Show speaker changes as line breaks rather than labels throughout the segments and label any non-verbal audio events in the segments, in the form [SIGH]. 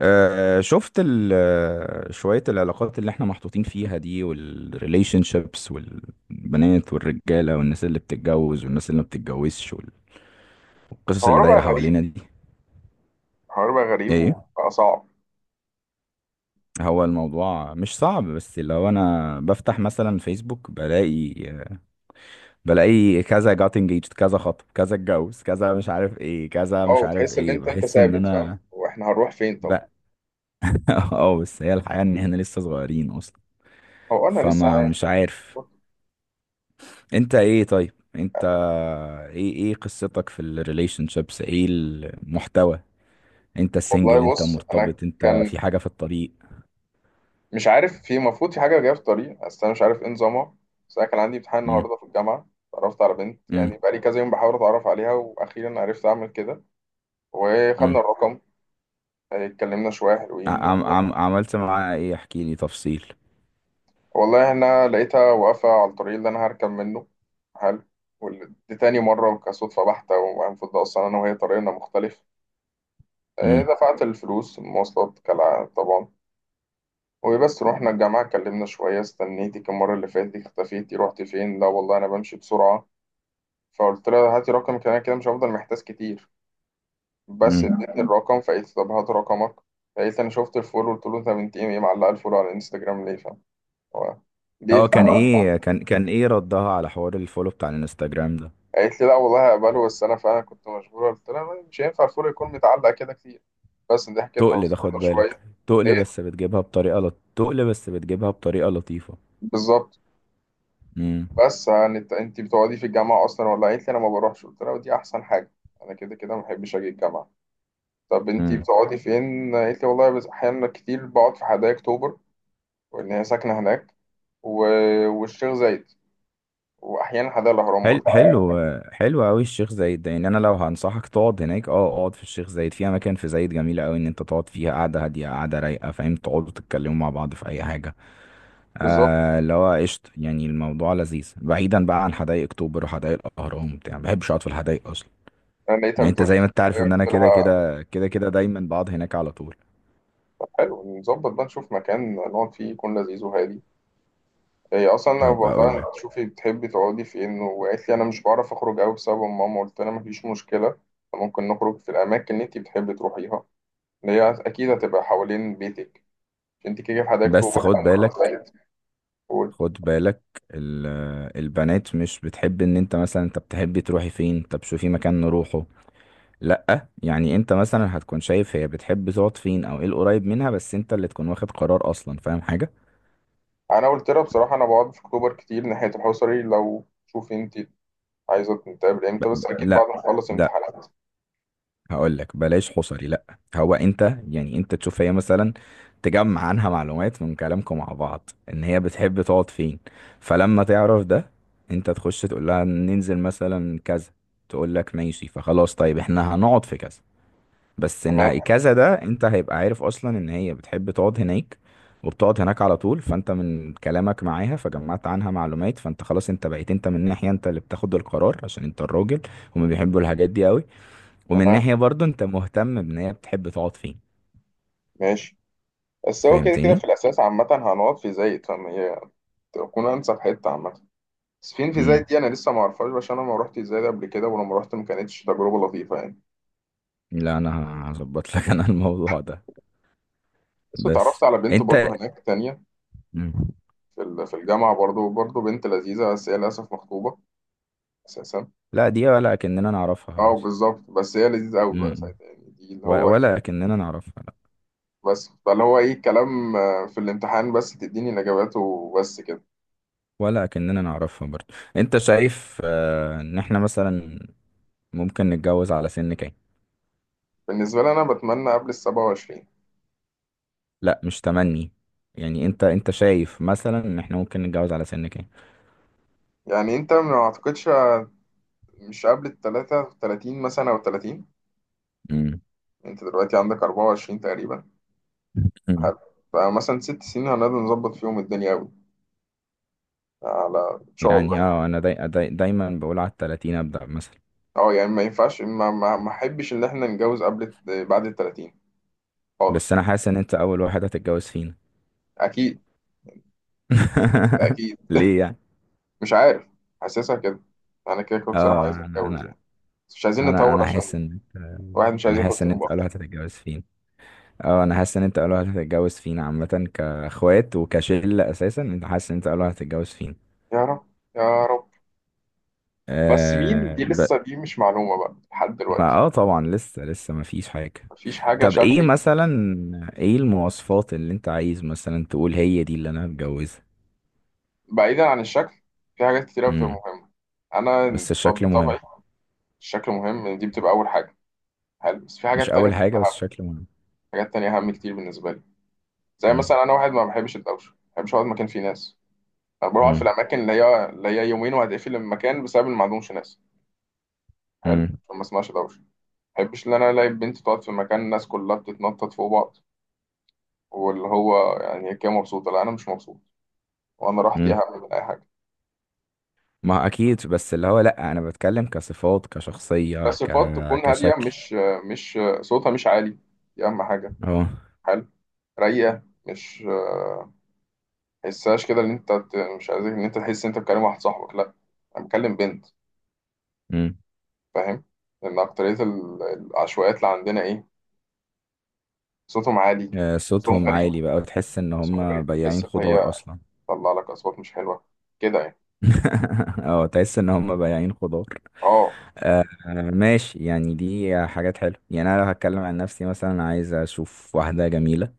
شفت شوية العلاقات اللي احنا محطوطين فيها دي والريليشن شيبس والبنات والرجالة والناس اللي بتتجوز والناس اللي ما بتتجوزش والقصص اللي
حوار
دايرة
بقى غريب.
حوالينا دي.
حوار بقى غريب
ايه.
وبقى صعب.
هو الموضوع مش صعب، بس لو انا بفتح مثلا فيسبوك بلاقي، كذا جات انجيجد، كذا خطب، كذا اتجوز، كذا مش عارف ايه، كذا
اه،
مش عارف
وتحس ان
ايه،
انت
بحس ان
ثابت، فاهم؟
انا
واحنا هنروح فين؟ طب،
بقى. [LAUGHS] اه، بس هي الحقيقة ان احنا لسه صغيرين اصلا،
هو انا لسه
فما
عايش.
مش عارف. انت ايه؟ طيب انت ايه قصتك في الريليشن شيبس؟ ايه المحتوى؟ انت السنجل؟
والله
انت
بص، انا
مرتبط؟ انت
كان
في حاجة في الطريق؟
مش عارف، في المفروض في حاجه جايه في الطريق، بس انا مش عارف ايه نظامها. بس انا كان عندي امتحان
امم.
النهارده في الجامعه. اتعرفت على بنت،
امم.
يعني بقالي كذا يوم بحاول اتعرف عليها واخيرا عرفت اعمل كده. وخدنا
امم.
الرقم، اتكلمنا شويه حلوين.
عم عم عملت معاها ايه؟ احكي لي تفصيل.
والله انا لقيتها واقفة على الطريق اللي انا هركب منه. حلو. دي تاني مرة كصدفة بحتة، والمفروض اصلا انا وهي طريقنا مختلف.
امم.
دفعت الفلوس المواصلات كالعادة طبعا. وبس رحنا الجامعة، اتكلمنا شوية. استنيتك المرة اللي فاتت، اختفيتي، رحتي فين؟ لا والله انا بمشي بسرعة. فقلت لها هاتي رقمك، انا كده مش هفضل محتاس كتير. بس
امم.
ادتني الرقم، فقلت طب هات رقمك. فقلت انا شفت الفولو، قلت له انت بنت ايه معلقة الفولو على الانستجرام ليه؟ فاهم؟ هو
اه
ليه؟
كان ايه؟ كان ايه ردها على حوار الفولو بتاع الانستجرام ده؟
قالت لي لا والله هقبله، بس انا فعلا كنت مشغوله. قلت لها طيب، مش هينفع الفول يكون متعلق كده كتير. بس دي حكيتها،
تقل ده، خد
وصلنا
بالك.
شويه.
تقل
ايه؟
بس بتجيبها بطريقة تقل بس بتجيبها بطريقة لطيفة.
بالظبط. بس يعني انت بتقعدي في الجامعه اصلا ولا؟ قالت لي انا ما بروحش. قلت لها ودي احسن حاجه، انا كده كده ما بحبش اجي الجامعه. طب انت
امم.
بتقعدي فين؟ قالت لي والله بس احيانا كتير بقعد في حدائق اكتوبر، وان هي ساكنه هناك. و... والشيخ زايد، واحيانا حدائق الاهرام
حلو.
برضه.
حلو. حلو قوي الشيخ زايد ده، يعني انا لو هنصحك تقعد هناك، اه اقعد في الشيخ زايد، في اماكن في زايد جميله قوي ان انت تقعد فيها، قاعده هاديه، قاعده رايقه، فاهم، تقعدوا تتكلموا مع بعض في اي حاجه.
بالظبط.
آه، اللي هو قشطه يعني، الموضوع لذيذ بعيدا بقى عن حدائق اكتوبر وحدائق الاهرام، بتاع ما بحبش اقعد في الحدائق اصلا.
انا لقيتها
يعني انت
بتقول لي
زي
في
ما انت عارف
الحدائق،
ان انا
قلت
كده
لها
كده كده كده دايما بقعد هناك على طول.
حلو، نظبط بقى نشوف مكان نقعد فيه يكون لذيذ وهادي. هي اصلا لو
هبقى
بقولها
اقول لك.
انت شوفي بتحبي تقعدي فين، وقالت لي انا مش بعرف اخرج قوي بسبب ماما. قلت لها مفيش مشكله، ممكن نخرج في الاماكن اللي انت بتحبي تروحيها، اللي هي اكيد هتبقى حوالين بيتك. انت كده في حدائق
بس
اكتوبر،
خد
انا في
بالك.
الصعيد. قول-
خد بالك. ال- البنات مش بتحب ان انت مثلا انت بتحبي تروحي فين، طب شوفي مكان نروحه. لأ، يعني انت مثلا هتكون شايف هي بتحب تقعد فين او ايه القريب منها، بس انت اللي تكون واخد قرار اصلا، فاهم حاجة؟
انا قلت لها بصراحه انا بقعد في اكتوبر كتير ناحيه الحصري، لو شوفي انت عايزه نتقابل
ب...
امتى؟ بس اكيد بعد
لأ.
ما اخلص
لأ.
امتحانات.
هقول لك بلاش حصري. لأ هو انت، يعني انت تشوف هي مثلا. تجمع عنها معلومات من كلامكم مع بعض ان هي بتحب تقعد فين، فلما تعرف ده انت تخش تقول لها ننزل مثلا كذا، تقول لك ماشي فخلاص. طيب احنا هنقعد في كذا، بس
تمام.
ان كذا ده انت هيبقى عارف اصلا ان هي بتحب تقعد هناك وبتقعد هناك على طول، فانت من كلامك معاها فجمعت عنها معلومات، فانت خلاص انت بقيت انت من ناحية انت اللي بتاخد القرار عشان انت الراجل. هما بيحبوا الحاجات دي قوي. ومن
تمام.
ناحية برضو انت مهتم بان هي بتحب تقعد فين.
ماشي. بس هو كده كده
فهمتني؟
في الاساس عامه هنقعد في زايد، فما هي تكون انسب حته عامه. سفين في
امم.
زايد دي انا لسه ما اعرفهاش، عشان انا ما روحتش زايد قبل كده، ولما روحت ما كانتش تجربه لطيفه يعني.
لا انا هظبط لك انا الموضوع ده.
بس اتعرفت
بس
على بنت
انت.
برضو هناك تانية،
مم.
في الجامعه، برضو بنت لذيذه بس هي للاسف مخطوبه اساسا.
لا، دي ولا كأننا نعرفها
اه
خلاص.
بالظبط. بس هي لذيذه قوي بقى
امم.
ساعتها، يعني دي اللي هو ايه.
ولا كأننا نعرفها.
بس فاللي هو ايه كلام، في الامتحان بس تديني الاجابات وبس كده.
ولا كأننا نعرفها برضه. انت شايف ان احنا مثلا ممكن نتجوز على سن كام؟
بالنسبه لي انا بتمنى قبل ال 27.
لا مش تمني، يعني انت شايف مثلا ان احنا ممكن نتجوز على سن كام؟
يعني انت ما اعتقدش، مش قبل ال 33 مثلا او 30.
مم.
انت دلوقتي عندك 24 تقريبا.
مم.
حلو. فمثلا 6 سنين هنقدر نظبط فيهم الدنيا أوي. على إن شاء
يعني
الله.
اه، انا دايما بقول على التلاتين ابدأ مثلا.
أه يعني ما ينفعش ما أحبش إن إحنا نتجوز بعد ال 30
بس
خالص.
انا حاسس ان انت اول واحد هتتجوز فينا.
أكيد.
[LAUGHS]
أكيد.
ليه يعني؟
مش عارف، حاسسها كده. أنا كده كده بصراحة
اه،
عايز
انا
أتجوز
انا
يعني، بس مش عايزين
انا
نطول
انا حاسس
عشان
ان انت،
الواحد مش عايز
انا
ياخد
حاسس ان
ذنوب
انت اول واحد
أكتر.
هتتجوز فينا. اه، انا حاسس ان انت اول واحد هتتجوز فينا عامه، كاخوات وكشله اساسا انت حاسس ان انت اول واحد هتتجوز فينا.
يا رب. يا رب. بس مين
آه
دي؟
ب...
لسه دي مش معلومة بقى لحد
ما
دلوقتي.
اه، طبعا لسه ما فيش حاجه.
مفيش حاجة
طب ايه
شبهي.
مثلا؟ ايه المواصفات اللي انت عايز مثلا تقول هي دي اللي انا هتجوزها؟
بعيدا عن الشكل، في حاجات كتير أوي بتبقى
امم.
مهمة. أنا
بس الشكل
بطبعي،
مهم.
الشكل مهم، دي بتبقى أول حاجة. حلو، بس في
مش
حاجات تانية
اول
بتبقى
حاجه بس
أهم.
الشكل مهم.
حاجات تانية أهم كتير بالنسبة لي. زي
امم.
مثلا أنا واحد ما بحبش الدوشة، ما بحبش أقعد مكان فيه ناس. أنا بقعد في
امم.
الأماكن اللي هي اللي هي يومين وهتقفل المكان بسبب إن ما عندهمش ناس، حلو
امم.
عشان ما اسمعش دوشة. ما بحبش إن أنا ألاقي بنت تقعد في مكان الناس كلها بتتنطط فوق بعض، واللي هو يعني هي كده مبسوطة، لا أنا مش مبسوط. وأنا راحتي
امم.
أهم من أي حاجة.
ما اكيد، بس اللي هو لا، انا بتكلم كصفات، كشخصيه،
بس صفات تكون هادية،
كشكل.
مش صوتها مش عالي. دي أهم حاجة.
اه.
حلو. رايقة، مش تحسهاش كده ان انت مش عايزك ان انت تحس ان انت بتكلم واحد صاحبك، لا، انا بكلم بنت، فاهم؟ لان اكتريه العشوائيات اللي عندنا ايه، صوتهم عالي.
آه،
صوتهم
صوتهم
غريب.
عالي بقى، وتحس ان
صوتهم
هم
غريب، تحس
بياعين
ان هي
خضار اصلا.
تطلع لك اصوات مش حلوه كده يعني.
[LAUGHS] اه، تحس ان هم بياعين خضار.
اه
ماشي، يعني دي حاجات حلوه. يعني انا لو هتكلم عن نفسي مثلا، عايز اشوف واحده جميله،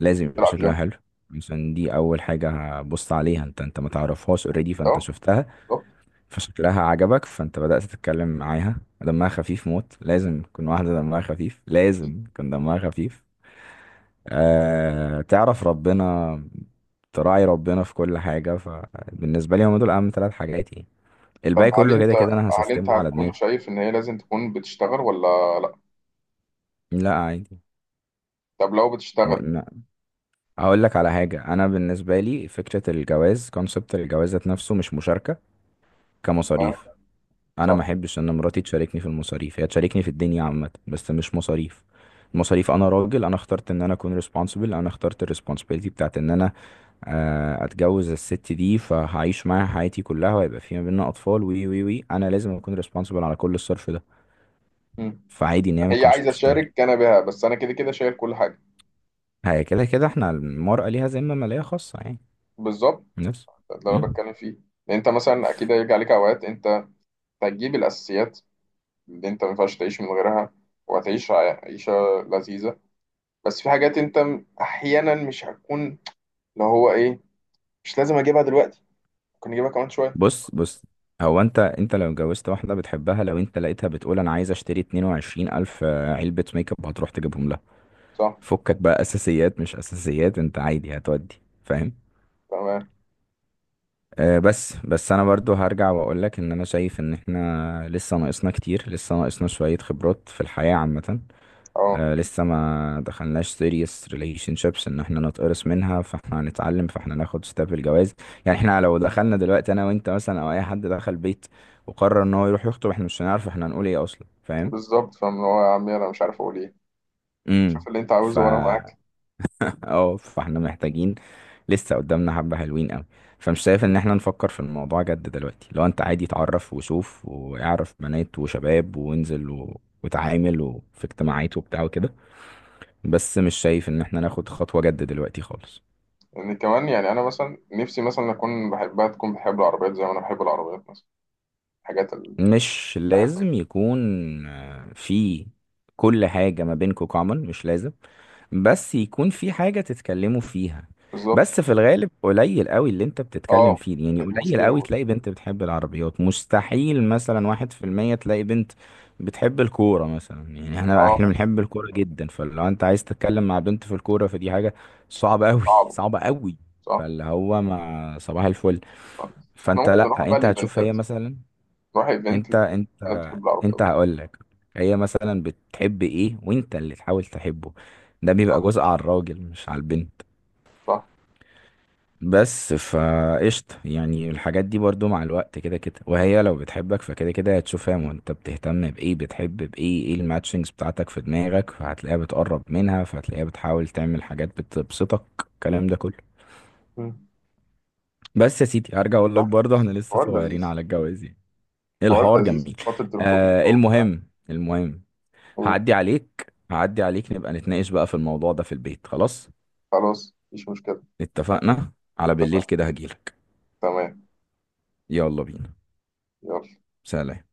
لازم يبقى
تلعب
شكلها
جيم.
حلو عشان دي اول حاجه هبص عليها. انت ما تعرفهاش اوريدي،
اكيد
فانت
اه.
شفتها
بالظبط.
فشكلها عجبك، فانت بدات تتكلم معاها. دمها خفيف موت، لازم تكون واحده دمها خفيف،
أكيد.
لازم يكون دمها خفيف. آه تعرف ربنا، تراعي ربنا في كل حاجة. فبالنسبة لي هم دول أهم ثلاث حاجات يعني،
طب
الباقي
هل
كله كده
انت،
كده أنا
هل انت
هسستمه على
هتكون
دماغي.
شايف ان هي لازم تكون بتشتغل ولا لا؟
لا عادي.
طب لو بتشتغل.
م- م- هقول لك على حاجة. أنا بالنسبة لي فكرة الجواز، كونسبت الجواز ذات نفسه، مش مشاركة
تمام.
كمصاريف. أنا ما
صح.
أحبش إن مراتي تشاركني في المصاريف، هي تشاركني في الدنيا عامة بس مش مصاريف. المصاريف أنا راجل، أنا اخترت إن أنا أكون responsible، أنا اخترت ال responsibility بتاعت إن أنا اتجوز الست دي، فهعيش معاها حياتي كلها وهيبقى في ما بيننا اطفال وي وي وي، انا لازم اكون ريسبونسبل على كل الصرف ده.
مم.
فعادي ان هي ما
هي
تكونش
عايزه
بتشتغل.
تشارك انا بها، بس انا كده كده شايل كل حاجه.
هي كده كده احنا المرأة ليها ذمة مالية خاصة يعني.
بالظبط.
نفس.
ده اللي انا
مم.
بتكلم فيه. لان انت مثلا اكيد هيجي عليك اوقات انت هتجيب الأساسيات اللي أنت ما ينفعش تعيش من غيرها، وهتعيش عيشة لذيذة. بس في حاجات أنت أحيانا مش هتكون، اللي هو إيه، مش لازم أجيبها دلوقتي، ممكن أجيبها كمان شوية.
بص بص. هو انت، انت لو اتجوزت واحدة بتحبها، لو انت لقيتها بتقول انا عايز اشتري 22 الف علبة ميك اب، هتروح تجيبهم لها.
صح.
فكك بقى اساسيات مش اساسيات، انت عادي هتودي، فاهم.
تمام.
بس انا برضو هرجع واقول لك ان انا شايف ان احنا لسه ناقصنا شوية خبرات في الحياة عامة.
أه
آه، لسه ما دخلناش serious relationships ان احنا نتقرص منها، فاحنا هنتعلم، فاحنا ناخد ستاب الجواز. يعني احنا لو دخلنا دلوقتي انا وانت مثلا، او اي حد دخل بيت وقرر ان هو يروح يخطب، احنا مش هنعرف احنا هنقول ايه اصلا، فاهم.
بالظبط، فاهم؟ اللي هو يا عمي أنا مش عارف أقول إيه،
امم.
شوف اللي أنت
ف
عاوزه وأنا معاك.
اه فاحنا محتاجين. لسه قدامنا حبة حلوين قوي. فمش شايف
لأن
ان احنا نفكر في الموضوع جد دلوقتي، لو انت عادي اتعرف وشوف واعرف بنات وشباب وانزل وتعامل وفي اجتماعات وبتاع وكده، بس مش شايف ان احنا ناخد خطوة جد دلوقتي خالص.
يعني كمان، يعني أنا مثلا نفسي مثلا أكون بحبها تكون بحب العربيات زي ما أنا بحب العربيات مثلا، الحاجات اللي
مش
بحبها.
لازم يكون في كل حاجة ما بينكوا common، مش لازم، بس يكون في حاجة تتكلموا فيها.
بالظبط.
بس في الغالب قليل قوي اللي انت بتتكلم
أه،
فيه، يعني
دي
قليل
مشكلة
قوي
برضه.
تلاقي بنت بتحب العربيات، مستحيل مثلا 1% تلاقي بنت بتحب الكورة مثلا. يعني احنا
أه.
احنا بنحب الكورة جدا، فلو انت عايز تتكلم مع بنت في الكورة فدي حاجة صعبة قوي،
صعبة.
صعبة قوي.
صح.
فاللي هو مع صباح الفل.
صح. إحنا
فانت،
ممكن نروح
لا
بقى
انت هتشوف
الإيفنتات،
هي مثلا.
تروح ايفنت،
انت انت
انا بتحب
انت
العربيات.
هقول لك، هي مثلا بتحب ايه وانت اللي تحاول تحبه، ده بيبقى
صح.
جزء على الراجل مش على البنت.
صح.
بس فقشطة يعني، الحاجات دي برضو مع الوقت كده كده، وهي لو بتحبك فكده كده هتشوفها وانت بتهتم بايه بتحب بايه، ايه الماتشنجز بتاعتك في دماغك، فهتلاقيها بتقرب منها، فهتلاقيها بتحاول تعمل حاجات بتبسطك الكلام ده كله.
مم.
بس يا سيدي هرجع اقول لك
صح.
برضه احنا لسه
حوار
صغيرين
لذيذ.
على الجواز يعني.
حوار
الحوار
لذيذ.
جميل.
فترة الخطوبة
آه
وبتاع.
المهم. المهم.
أوه.
هعدي عليك، هعدي عليك، نبقى نتناقش بقى في الموضوع ده في البيت خلاص.
خلاص مفيش مشكلة.
اتفقنا. على بالليل
اتفق.
كده هجيلك.
تمام.
يلا بينا.
يلا.
سلام.